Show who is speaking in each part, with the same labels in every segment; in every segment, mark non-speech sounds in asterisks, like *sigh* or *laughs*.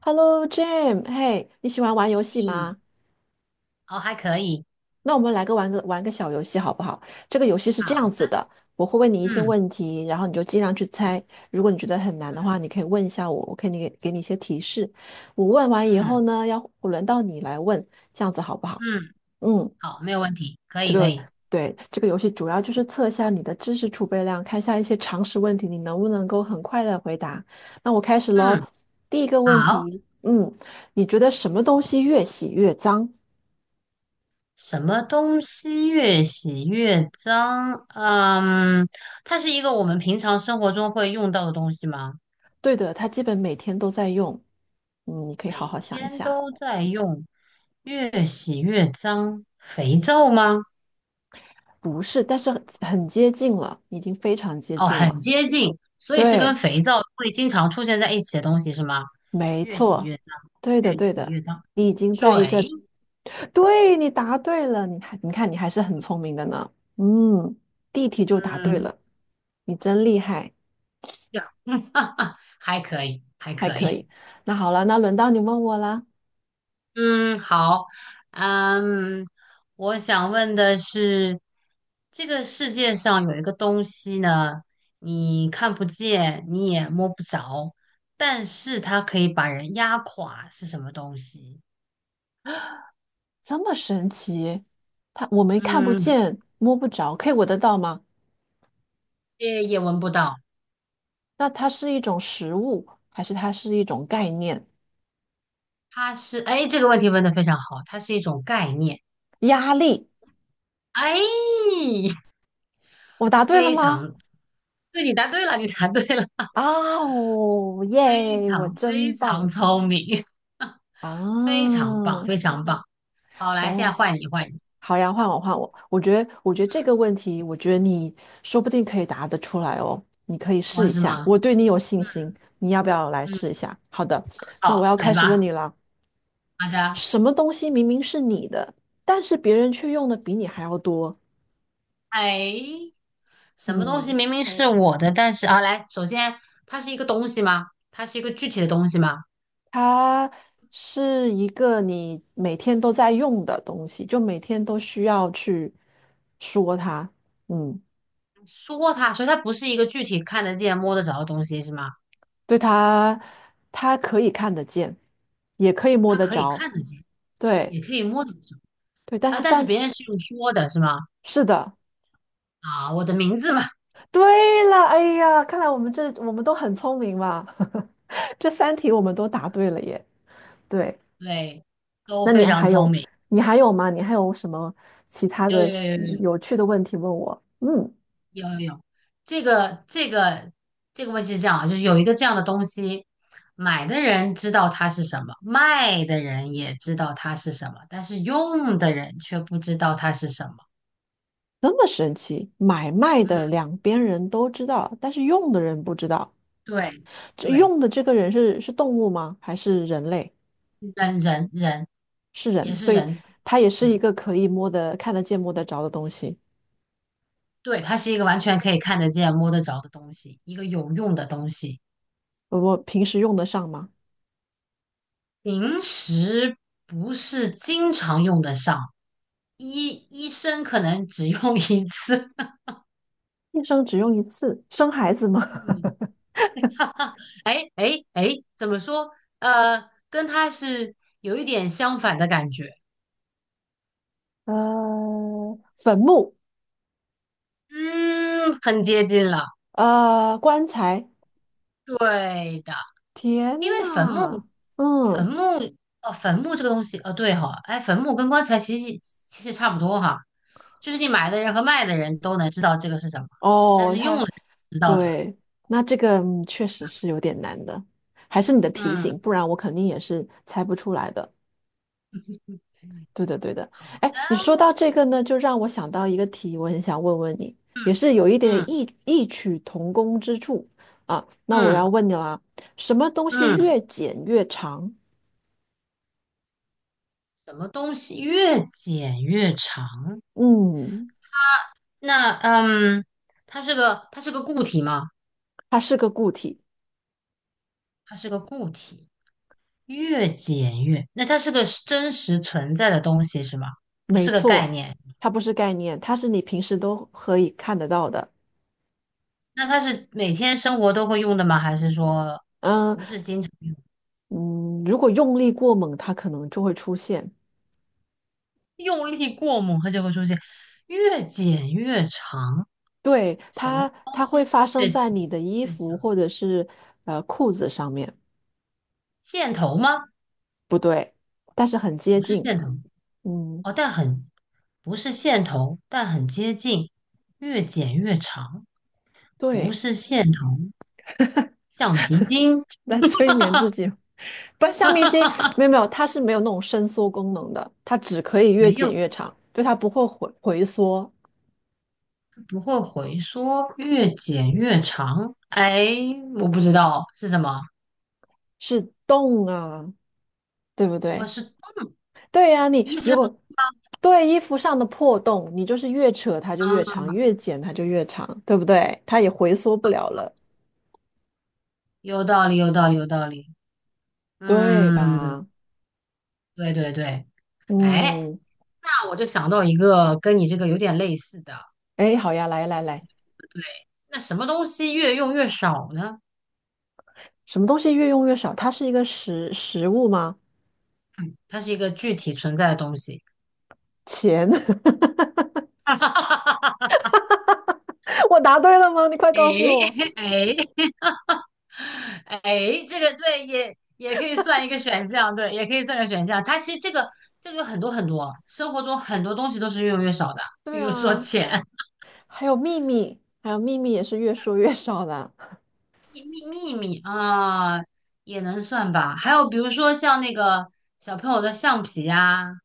Speaker 1: Hello Jim，嘿，你喜欢玩游戏
Speaker 2: 嗯，
Speaker 1: 吗？
Speaker 2: 哦，还可以。
Speaker 1: 那我们来个玩个玩个小游戏好不好？这个游戏是这
Speaker 2: 好。
Speaker 1: 样子的，我会问你一些
Speaker 2: 嗯
Speaker 1: 问题，然后你就尽量去猜。
Speaker 2: 嗯
Speaker 1: 如果你觉得很难的
Speaker 2: 嗯
Speaker 1: 话，你可以问一下我，我可以给你一些提示。我问完以后
Speaker 2: 嗯
Speaker 1: 呢，要轮到你来问，这样子好不好？
Speaker 2: 嗯，
Speaker 1: 嗯，
Speaker 2: 好，没有问题，可
Speaker 1: 这
Speaker 2: 以可
Speaker 1: 个
Speaker 2: 以。
Speaker 1: 对，这个游戏主要就是测一下你的知识储备量，看一下一些常识问题，你能不能够很快的回答。那我开始喽，
Speaker 2: 嗯，
Speaker 1: 第一个问
Speaker 2: 好。
Speaker 1: 题，你觉得什么东西越洗越脏？
Speaker 2: 什么东西越洗越脏？嗯，它是一个我们平常生活中会用到的东西吗？
Speaker 1: 对的，它基本每天都在用。嗯，你可以好
Speaker 2: 每
Speaker 1: 好想一
Speaker 2: 天
Speaker 1: 下，
Speaker 2: 都在用，越洗越脏，肥皂吗？
Speaker 1: 不是，但是很接近了，已经非常接
Speaker 2: 哦，
Speaker 1: 近
Speaker 2: 很
Speaker 1: 了。
Speaker 2: 接近，所以是跟
Speaker 1: 对，
Speaker 2: 肥皂会经常出现在一起的东西是吗？
Speaker 1: 没
Speaker 2: 越洗
Speaker 1: 错，
Speaker 2: 越脏。
Speaker 1: 对的，
Speaker 2: 越
Speaker 1: 对
Speaker 2: 洗
Speaker 1: 的，
Speaker 2: 越脏。
Speaker 1: 你已经在一个，
Speaker 2: 水。
Speaker 1: 对，你答对了，你看你还是很聪明的呢。嗯，第一题就答对
Speaker 2: 嗯。
Speaker 1: 了，你真厉害，
Speaker 2: *laughs* 呀，嗯，*laughs* 哈哈，还可以，还
Speaker 1: 还
Speaker 2: 可
Speaker 1: 可
Speaker 2: 以。
Speaker 1: 以。那好了，那轮到你问我啦。
Speaker 2: 嗯，好。嗯，我想问的是，这个世界上有一个东西呢，你看不见，你也摸不着，但是它可以把人压垮，是什么东西？
Speaker 1: 这么神奇，它我们看不
Speaker 2: 嗯，
Speaker 1: 见，摸不着，可以闻得到吗？
Speaker 2: 也闻不到。
Speaker 1: 那它是一种食物，还是它是一种概念？
Speaker 2: 它是，哎，这个问题问得非常好，它是一种概念。
Speaker 1: 压力，
Speaker 2: 哎，*laughs*
Speaker 1: 我答对了
Speaker 2: 非
Speaker 1: 吗？
Speaker 2: 常对，你答对了，你答对了。
Speaker 1: 啊哦，
Speaker 2: 非
Speaker 1: 耶，我
Speaker 2: 常非
Speaker 1: 真棒
Speaker 2: 常聪明。*laughs* 非
Speaker 1: 啊！
Speaker 2: 常棒，非常棒。好，来，现在
Speaker 1: 哦，
Speaker 2: 换你，换你。
Speaker 1: 好呀，换我换我。我觉得这个问题，我觉得你说不定可以答得出来哦。你可以
Speaker 2: 我
Speaker 1: 试一
Speaker 2: 是
Speaker 1: 下，
Speaker 2: 吗？
Speaker 1: 我对你有信
Speaker 2: 嗯，
Speaker 1: 心。你要不要来
Speaker 2: 嗯，
Speaker 1: 试一下？好的，那
Speaker 2: 好，
Speaker 1: 我要
Speaker 2: 来
Speaker 1: 开始问
Speaker 2: 吧。
Speaker 1: 你了。
Speaker 2: 好的。
Speaker 1: 什么东西明明是你的，但是别人却用的比你还要多？
Speaker 2: 哎，什么东西
Speaker 1: 嗯，
Speaker 2: 明明是我的，但是啊，来，首先它是一个东西吗？它是一个具体的东西吗？
Speaker 1: 它是一个你每天都在用的东西，就每天都需要去说它。嗯，
Speaker 2: 说它，所以它不是一个具体看得见、摸得着的东西，是吗？
Speaker 1: 对，它可以看得见，也可以摸
Speaker 2: 它
Speaker 1: 得
Speaker 2: 可以
Speaker 1: 着。
Speaker 2: 看得见，
Speaker 1: 对。
Speaker 2: 也可以摸得着
Speaker 1: 对，但
Speaker 2: 啊，
Speaker 1: 他
Speaker 2: 但是
Speaker 1: 但
Speaker 2: 别
Speaker 1: 是
Speaker 2: 人是用说的，是吗？
Speaker 1: 是的，
Speaker 2: 啊，我的名字嘛。
Speaker 1: 对了，哎呀，看来我们都很聪明嘛，*laughs* 这3题我们都答对了耶。对，
Speaker 2: 对，都
Speaker 1: 那你
Speaker 2: 非常
Speaker 1: 还
Speaker 2: 聪
Speaker 1: 有
Speaker 2: 明。
Speaker 1: 你还有吗？你还有什么其他
Speaker 2: 有
Speaker 1: 的
Speaker 2: 有有有有
Speaker 1: 有趣的问题问我？嗯，
Speaker 2: 有，这个这个问题是这样啊，就是有一个这样的东西，买的人知道它是什么，卖的人也知道它是什么，但是用的人却不知道它是什么。
Speaker 1: 这么神奇，买卖的
Speaker 2: 嗯，
Speaker 1: 两边人都知道，但是用的人不知道。
Speaker 2: 对
Speaker 1: 这
Speaker 2: 对。
Speaker 1: 用的这个人是动物吗？还是人类？
Speaker 2: 人人人
Speaker 1: 是
Speaker 2: 也
Speaker 1: 人，
Speaker 2: 是
Speaker 1: 所以
Speaker 2: 人。
Speaker 1: 它也是一
Speaker 2: 嗯，
Speaker 1: 个可以摸得、看得见、摸得着的东西。
Speaker 2: 对，它是一个完全可以看得见、摸得着的东西，一个有用的东西。
Speaker 1: 我平时用得上吗？
Speaker 2: 平时不是经常用得上，医生可能只用一次。
Speaker 1: 一生只用一次，生孩子吗？
Speaker 2: *laughs* 嗯。
Speaker 1: *laughs*
Speaker 2: *laughs* 哈，哎，怎么说？跟他是有一点相反的感觉。
Speaker 1: 呃，坟墓，
Speaker 2: 嗯，很接近了。
Speaker 1: 棺材。
Speaker 2: 对的，
Speaker 1: 天
Speaker 2: 因为坟墓。
Speaker 1: 呐，
Speaker 2: 坟
Speaker 1: 嗯，
Speaker 2: 墓，哦，坟墓这个东西，哦，对哈。哎，坟墓跟棺材其实差不多哈，就是你买的人和卖的人都能知道这个是什么，
Speaker 1: 哦，他
Speaker 2: 知道的吧？
Speaker 1: 对，那这个确实是有点难的，还是你的提
Speaker 2: 嗯。
Speaker 1: 醒，不然我肯定也是猜不出来的。对的，对的。
Speaker 2: 好
Speaker 1: 哎，你说
Speaker 2: 的。
Speaker 1: 到这个呢，就让我想到一个题，我很想问问你，
Speaker 2: 嗯
Speaker 1: 也是有一点
Speaker 2: 嗯
Speaker 1: 异曲同工之处啊。那我
Speaker 2: 嗯
Speaker 1: 要问你啦，什么东西
Speaker 2: 嗯，
Speaker 1: 越剪越长？
Speaker 2: 什么东西越剪越长？
Speaker 1: 嗯。
Speaker 2: 那它是个固体吗？
Speaker 1: 它是个固体，
Speaker 2: 它是个固体。越剪越，那它是个是真实存在的东西是吗？不
Speaker 1: 没
Speaker 2: 是个概
Speaker 1: 错，
Speaker 2: 念。
Speaker 1: 它不是概念，它是你平时都可以看得到的。
Speaker 2: 那它是每天生活都会用的吗？还是说
Speaker 1: 嗯
Speaker 2: 不是经常用？
Speaker 1: 嗯，如果用力过猛，它可能就会出现。
Speaker 2: 用力过猛，它就会出现。越剪越长，
Speaker 1: 对，
Speaker 2: 什么
Speaker 1: 它，
Speaker 2: 东
Speaker 1: 它会
Speaker 2: 西
Speaker 1: 发生
Speaker 2: 越剪
Speaker 1: 在你的衣
Speaker 2: 越
Speaker 1: 服
Speaker 2: 长？
Speaker 1: 或者是呃裤子上面，
Speaker 2: 线头吗？
Speaker 1: 不对，但是很接
Speaker 2: 不是
Speaker 1: 近。
Speaker 2: 线头。
Speaker 1: 嗯，
Speaker 2: 哦，但很不是线头，但很接近。越剪越长。不
Speaker 1: 对，
Speaker 2: 是线头。橡皮筋。
Speaker 1: 来催眠自己。*laughs* 不，橡皮筋
Speaker 2: *laughs*
Speaker 1: 没有没有，它是没有那种伸缩功能的，它只可以越
Speaker 2: 没
Speaker 1: 剪
Speaker 2: 有，
Speaker 1: 越长，对，它不会回缩，
Speaker 2: 不会回缩，越剪越长。哎，我不知道是什么。
Speaker 1: 是动啊，对不
Speaker 2: 哦，
Speaker 1: 对？
Speaker 2: 是
Speaker 1: 对呀、你
Speaker 2: 衣服
Speaker 1: 如
Speaker 2: 上
Speaker 1: 果对衣服上的破洞，你就是越扯它就越
Speaker 2: 啊。
Speaker 1: 长，越剪它就越长，对不对？它也回缩不了了，
Speaker 2: 有道理，有道理，有道理。
Speaker 1: 对
Speaker 2: 嗯，
Speaker 1: 吧？
Speaker 2: 对对对。哎，
Speaker 1: 嗯，
Speaker 2: 那我就想到一个跟你这个有点类似的。
Speaker 1: 哎，好呀，来来来，
Speaker 2: 对，那什么东西越用越少呢？
Speaker 1: 什么东西越用越少？它是一个食物吗？
Speaker 2: 它是一个具体存在的东西。
Speaker 1: 钱，*laughs*
Speaker 2: *laughs* 哈哈哈哈
Speaker 1: 我答对了吗？你快告诉
Speaker 2: 哎
Speaker 1: 我。
Speaker 2: 哎，哎 *laughs* 哎，这个对，也也可以算一个选项，对，也可以算个选项。它其实这个有很多很多，生活中很多东西都是越用越少的，
Speaker 1: 对
Speaker 2: 比如说
Speaker 1: 啊，
Speaker 2: 钱、
Speaker 1: 还有秘密，还有秘密也是越说越少的
Speaker 2: *laughs* 秘秘秘密啊，也能算吧。还有比如说像那个小朋友的橡皮呀，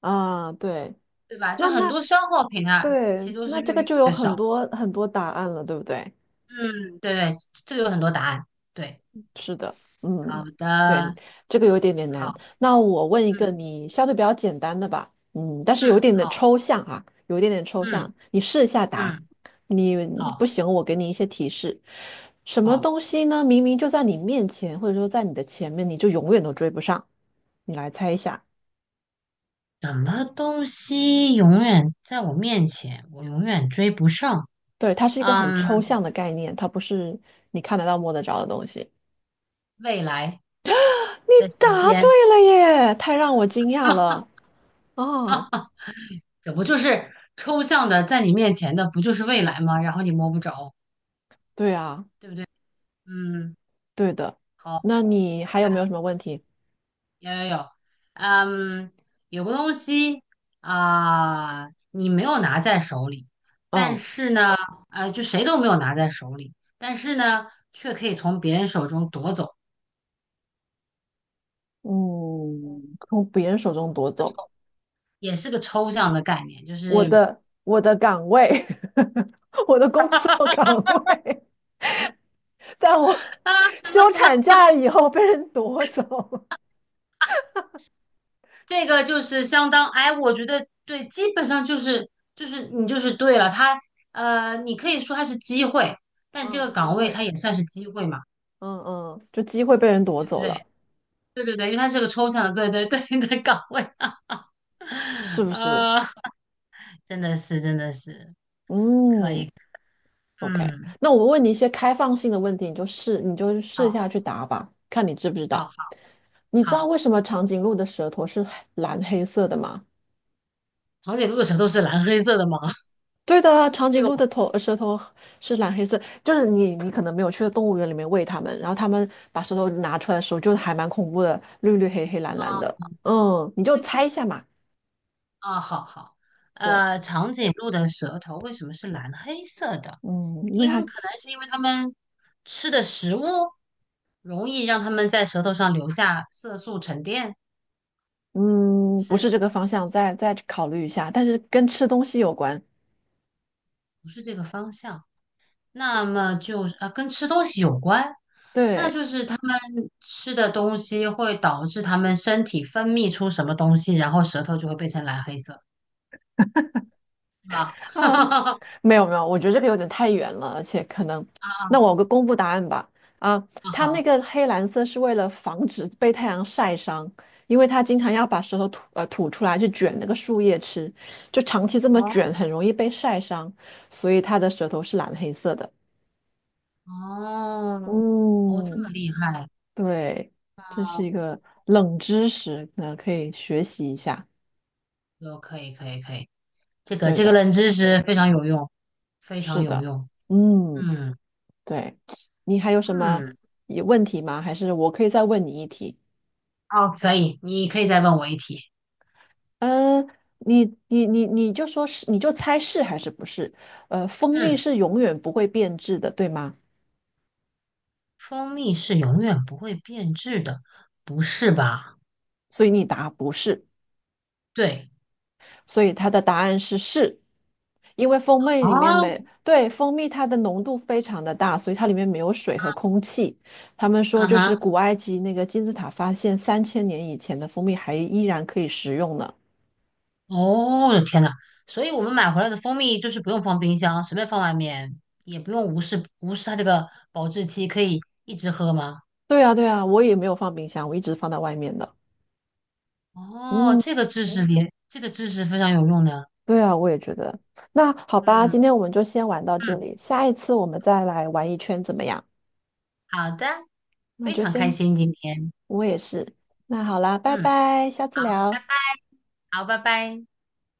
Speaker 1: 啊。对，
Speaker 2: 对吧？就
Speaker 1: 那
Speaker 2: 很
Speaker 1: 那
Speaker 2: 多消耗品啊，其
Speaker 1: 对，
Speaker 2: 实都
Speaker 1: 那
Speaker 2: 是
Speaker 1: 这
Speaker 2: 越
Speaker 1: 个
Speaker 2: 用
Speaker 1: 就有
Speaker 2: 越
Speaker 1: 很
Speaker 2: 少。
Speaker 1: 多很多答案了，对不对？
Speaker 2: 嗯，对对，这个有很多答案。对。
Speaker 1: 是的，
Speaker 2: 好
Speaker 1: 嗯，对，
Speaker 2: 的。
Speaker 1: 这个有一点点难。
Speaker 2: 好。
Speaker 1: 那我问一个
Speaker 2: 嗯
Speaker 1: 你相对比较简单的吧，嗯，但是
Speaker 2: 嗯，
Speaker 1: 有一点的
Speaker 2: 好。
Speaker 1: 抽象啊，有一点点抽
Speaker 2: 嗯
Speaker 1: 象，你试一下答。
Speaker 2: 嗯，
Speaker 1: 你
Speaker 2: 好
Speaker 1: 不行，我给你一些提示。什么
Speaker 2: 好。
Speaker 1: 东西呢？明明就在你面前，或者说在你的前面，你就永远都追不上。你来猜一下。
Speaker 2: 什么东西永远在我面前，我永远追不上？
Speaker 1: 对，它是一个很
Speaker 2: 嗯，
Speaker 1: 抽象的概念，它不是你看得到、摸得着的东西。
Speaker 2: 未来
Speaker 1: 你
Speaker 2: 的时
Speaker 1: 答对
Speaker 2: 间。
Speaker 1: 了耶，太让我惊讶了
Speaker 2: *laughs*
Speaker 1: 啊！
Speaker 2: 这不就是抽象的在你面前的，不就是未来吗？然后你摸不着，
Speaker 1: 对啊，
Speaker 2: 对不对？嗯。
Speaker 1: 对的。
Speaker 2: 好。
Speaker 1: 那你还有没有什么问题？
Speaker 2: 有有有，嗯，有个东西啊，你没有拿在手里，但
Speaker 1: 嗯
Speaker 2: 是呢，就谁都没有拿在手里，但是呢，却可以从别人手中夺走，
Speaker 1: 嗯，从别人手中夺走
Speaker 2: 也是个抽象的概念，就
Speaker 1: 我
Speaker 2: 是。
Speaker 1: 的我的岗位，*laughs* 我的工作岗位，*laughs* 在我
Speaker 2: *laughs* 啊。
Speaker 1: 休产假以后被人夺走。
Speaker 2: 这个就是相当，哎，我觉得对，基本上就是就是你就是对了，他你可以说它是机会，但这
Speaker 1: 嗯，
Speaker 2: 个
Speaker 1: 机
Speaker 2: 岗位它
Speaker 1: 会，
Speaker 2: 也算是机会嘛，
Speaker 1: 嗯嗯，就机会被人夺
Speaker 2: 对不
Speaker 1: 走了，
Speaker 2: 对？对对对，因为它是个抽象的，对对对的岗位。*laughs*
Speaker 1: 是不是？
Speaker 2: 呃，真的是可
Speaker 1: 嗯
Speaker 2: 以。
Speaker 1: ，OK。
Speaker 2: 嗯，
Speaker 1: 那我问你一些开放性的问题，你就试，你就试
Speaker 2: 好，
Speaker 1: 下去答吧，看你知不知
Speaker 2: 好，
Speaker 1: 道。
Speaker 2: 好，
Speaker 1: 你知道
Speaker 2: 好。
Speaker 1: 为什么长颈鹿的舌头是蓝黑色的吗？
Speaker 2: 堂姐露的舌头是蓝黑色的吗？
Speaker 1: 对的啊，
Speaker 2: *laughs*
Speaker 1: 长
Speaker 2: 这
Speaker 1: 颈
Speaker 2: 个。
Speaker 1: 鹿的舌头是蓝黑色，就是你可能没有去动物园里面喂它们，然后它们把舌头拿出来的时候，就还蛮恐怖的，绿绿黑黑蓝蓝的。嗯，你就猜一下嘛。
Speaker 2: 啊，好好。
Speaker 1: 对，
Speaker 2: 长颈鹿的舌头为什么是蓝黑色的？
Speaker 1: 嗯，因为
Speaker 2: 因
Speaker 1: 它
Speaker 2: 可能是因为它们吃的食物容易让它们在舌头上留下色素沉淀。
Speaker 1: 嗯不
Speaker 2: 是
Speaker 1: 是这个方向，再考虑一下，但是跟吃东西有关。
Speaker 2: 不是这个方向？那么就是啊，跟吃东西有关，那
Speaker 1: 对，
Speaker 2: 就是它们吃的东西会导致它们身体分泌出什么东西，然后舌头就会变成蓝黑色，是吧？
Speaker 1: 啊，
Speaker 2: *laughs*
Speaker 1: 没有没有，我觉得这个有点太远了，而且可能，
Speaker 2: 啊
Speaker 1: 那
Speaker 2: 啊
Speaker 1: 我个公布答案吧。啊，它那
Speaker 2: 好。
Speaker 1: 个黑蓝色是为了防止被太阳晒伤，因为它经常要把舌头吐出来去卷那个树叶吃，就长期这么
Speaker 2: 哦
Speaker 1: 卷很容易被晒伤，所以它的舌头是蓝黑色的。
Speaker 2: 哦，哦，这么
Speaker 1: 嗯，
Speaker 2: 厉害。
Speaker 1: 对，这是一个冷知识，那可以学习一下。
Speaker 2: 有，可以，可以，可以，这个
Speaker 1: 对
Speaker 2: 这个
Speaker 1: 的，
Speaker 2: 冷知识非常有用，非常
Speaker 1: 是
Speaker 2: 有
Speaker 1: 的，
Speaker 2: 用。
Speaker 1: 嗯。
Speaker 2: 嗯
Speaker 1: 对，你还有什么
Speaker 2: 嗯。
Speaker 1: 有问题吗？还是我可以再问你一题？
Speaker 2: 哦，可以，你可以再问我一题。
Speaker 1: 嗯、你就说是，你就猜是还是不是？呃，蜂蜜
Speaker 2: 嗯，
Speaker 1: 是永远不会变质的，对吗？
Speaker 2: 蜂蜜是永远不会变质的，不是吧？
Speaker 1: 所以你答不是，
Speaker 2: 对。
Speaker 1: 所以它的答案是是，因为蜂蜜里面
Speaker 2: 啊，
Speaker 1: 没，对，蜂蜜它的浓度非常的大，所以它里面没有水和空气。他们说
Speaker 2: 啊
Speaker 1: 就是
Speaker 2: 哈，
Speaker 1: 古埃及那个金字塔发现3000年以前的蜂蜜还依然可以食用呢。
Speaker 2: 哦，我的天呐，所以我们买回来的蜂蜜就是不用放冰箱，随便放外面，也不用无视它这个保质期，可以一直喝吗？
Speaker 1: 对啊，对啊，我也没有放冰箱，我一直放在外面的。
Speaker 2: 哦，
Speaker 1: 嗯，
Speaker 2: 这个知识点，这个知识非常有用的。
Speaker 1: 对啊，我也觉得。那好吧，
Speaker 2: 嗯
Speaker 1: 今天我们就先玩到这
Speaker 2: 嗯。
Speaker 1: 里，下一次我们再来玩一圈怎么样？
Speaker 2: 好的，
Speaker 1: 那
Speaker 2: 非
Speaker 1: 就
Speaker 2: 常开
Speaker 1: 先，
Speaker 2: 心今天。
Speaker 1: 我也是。那好啦，拜
Speaker 2: 嗯，
Speaker 1: 拜，下次
Speaker 2: 好，拜
Speaker 1: 聊。
Speaker 2: 拜。好，拜拜。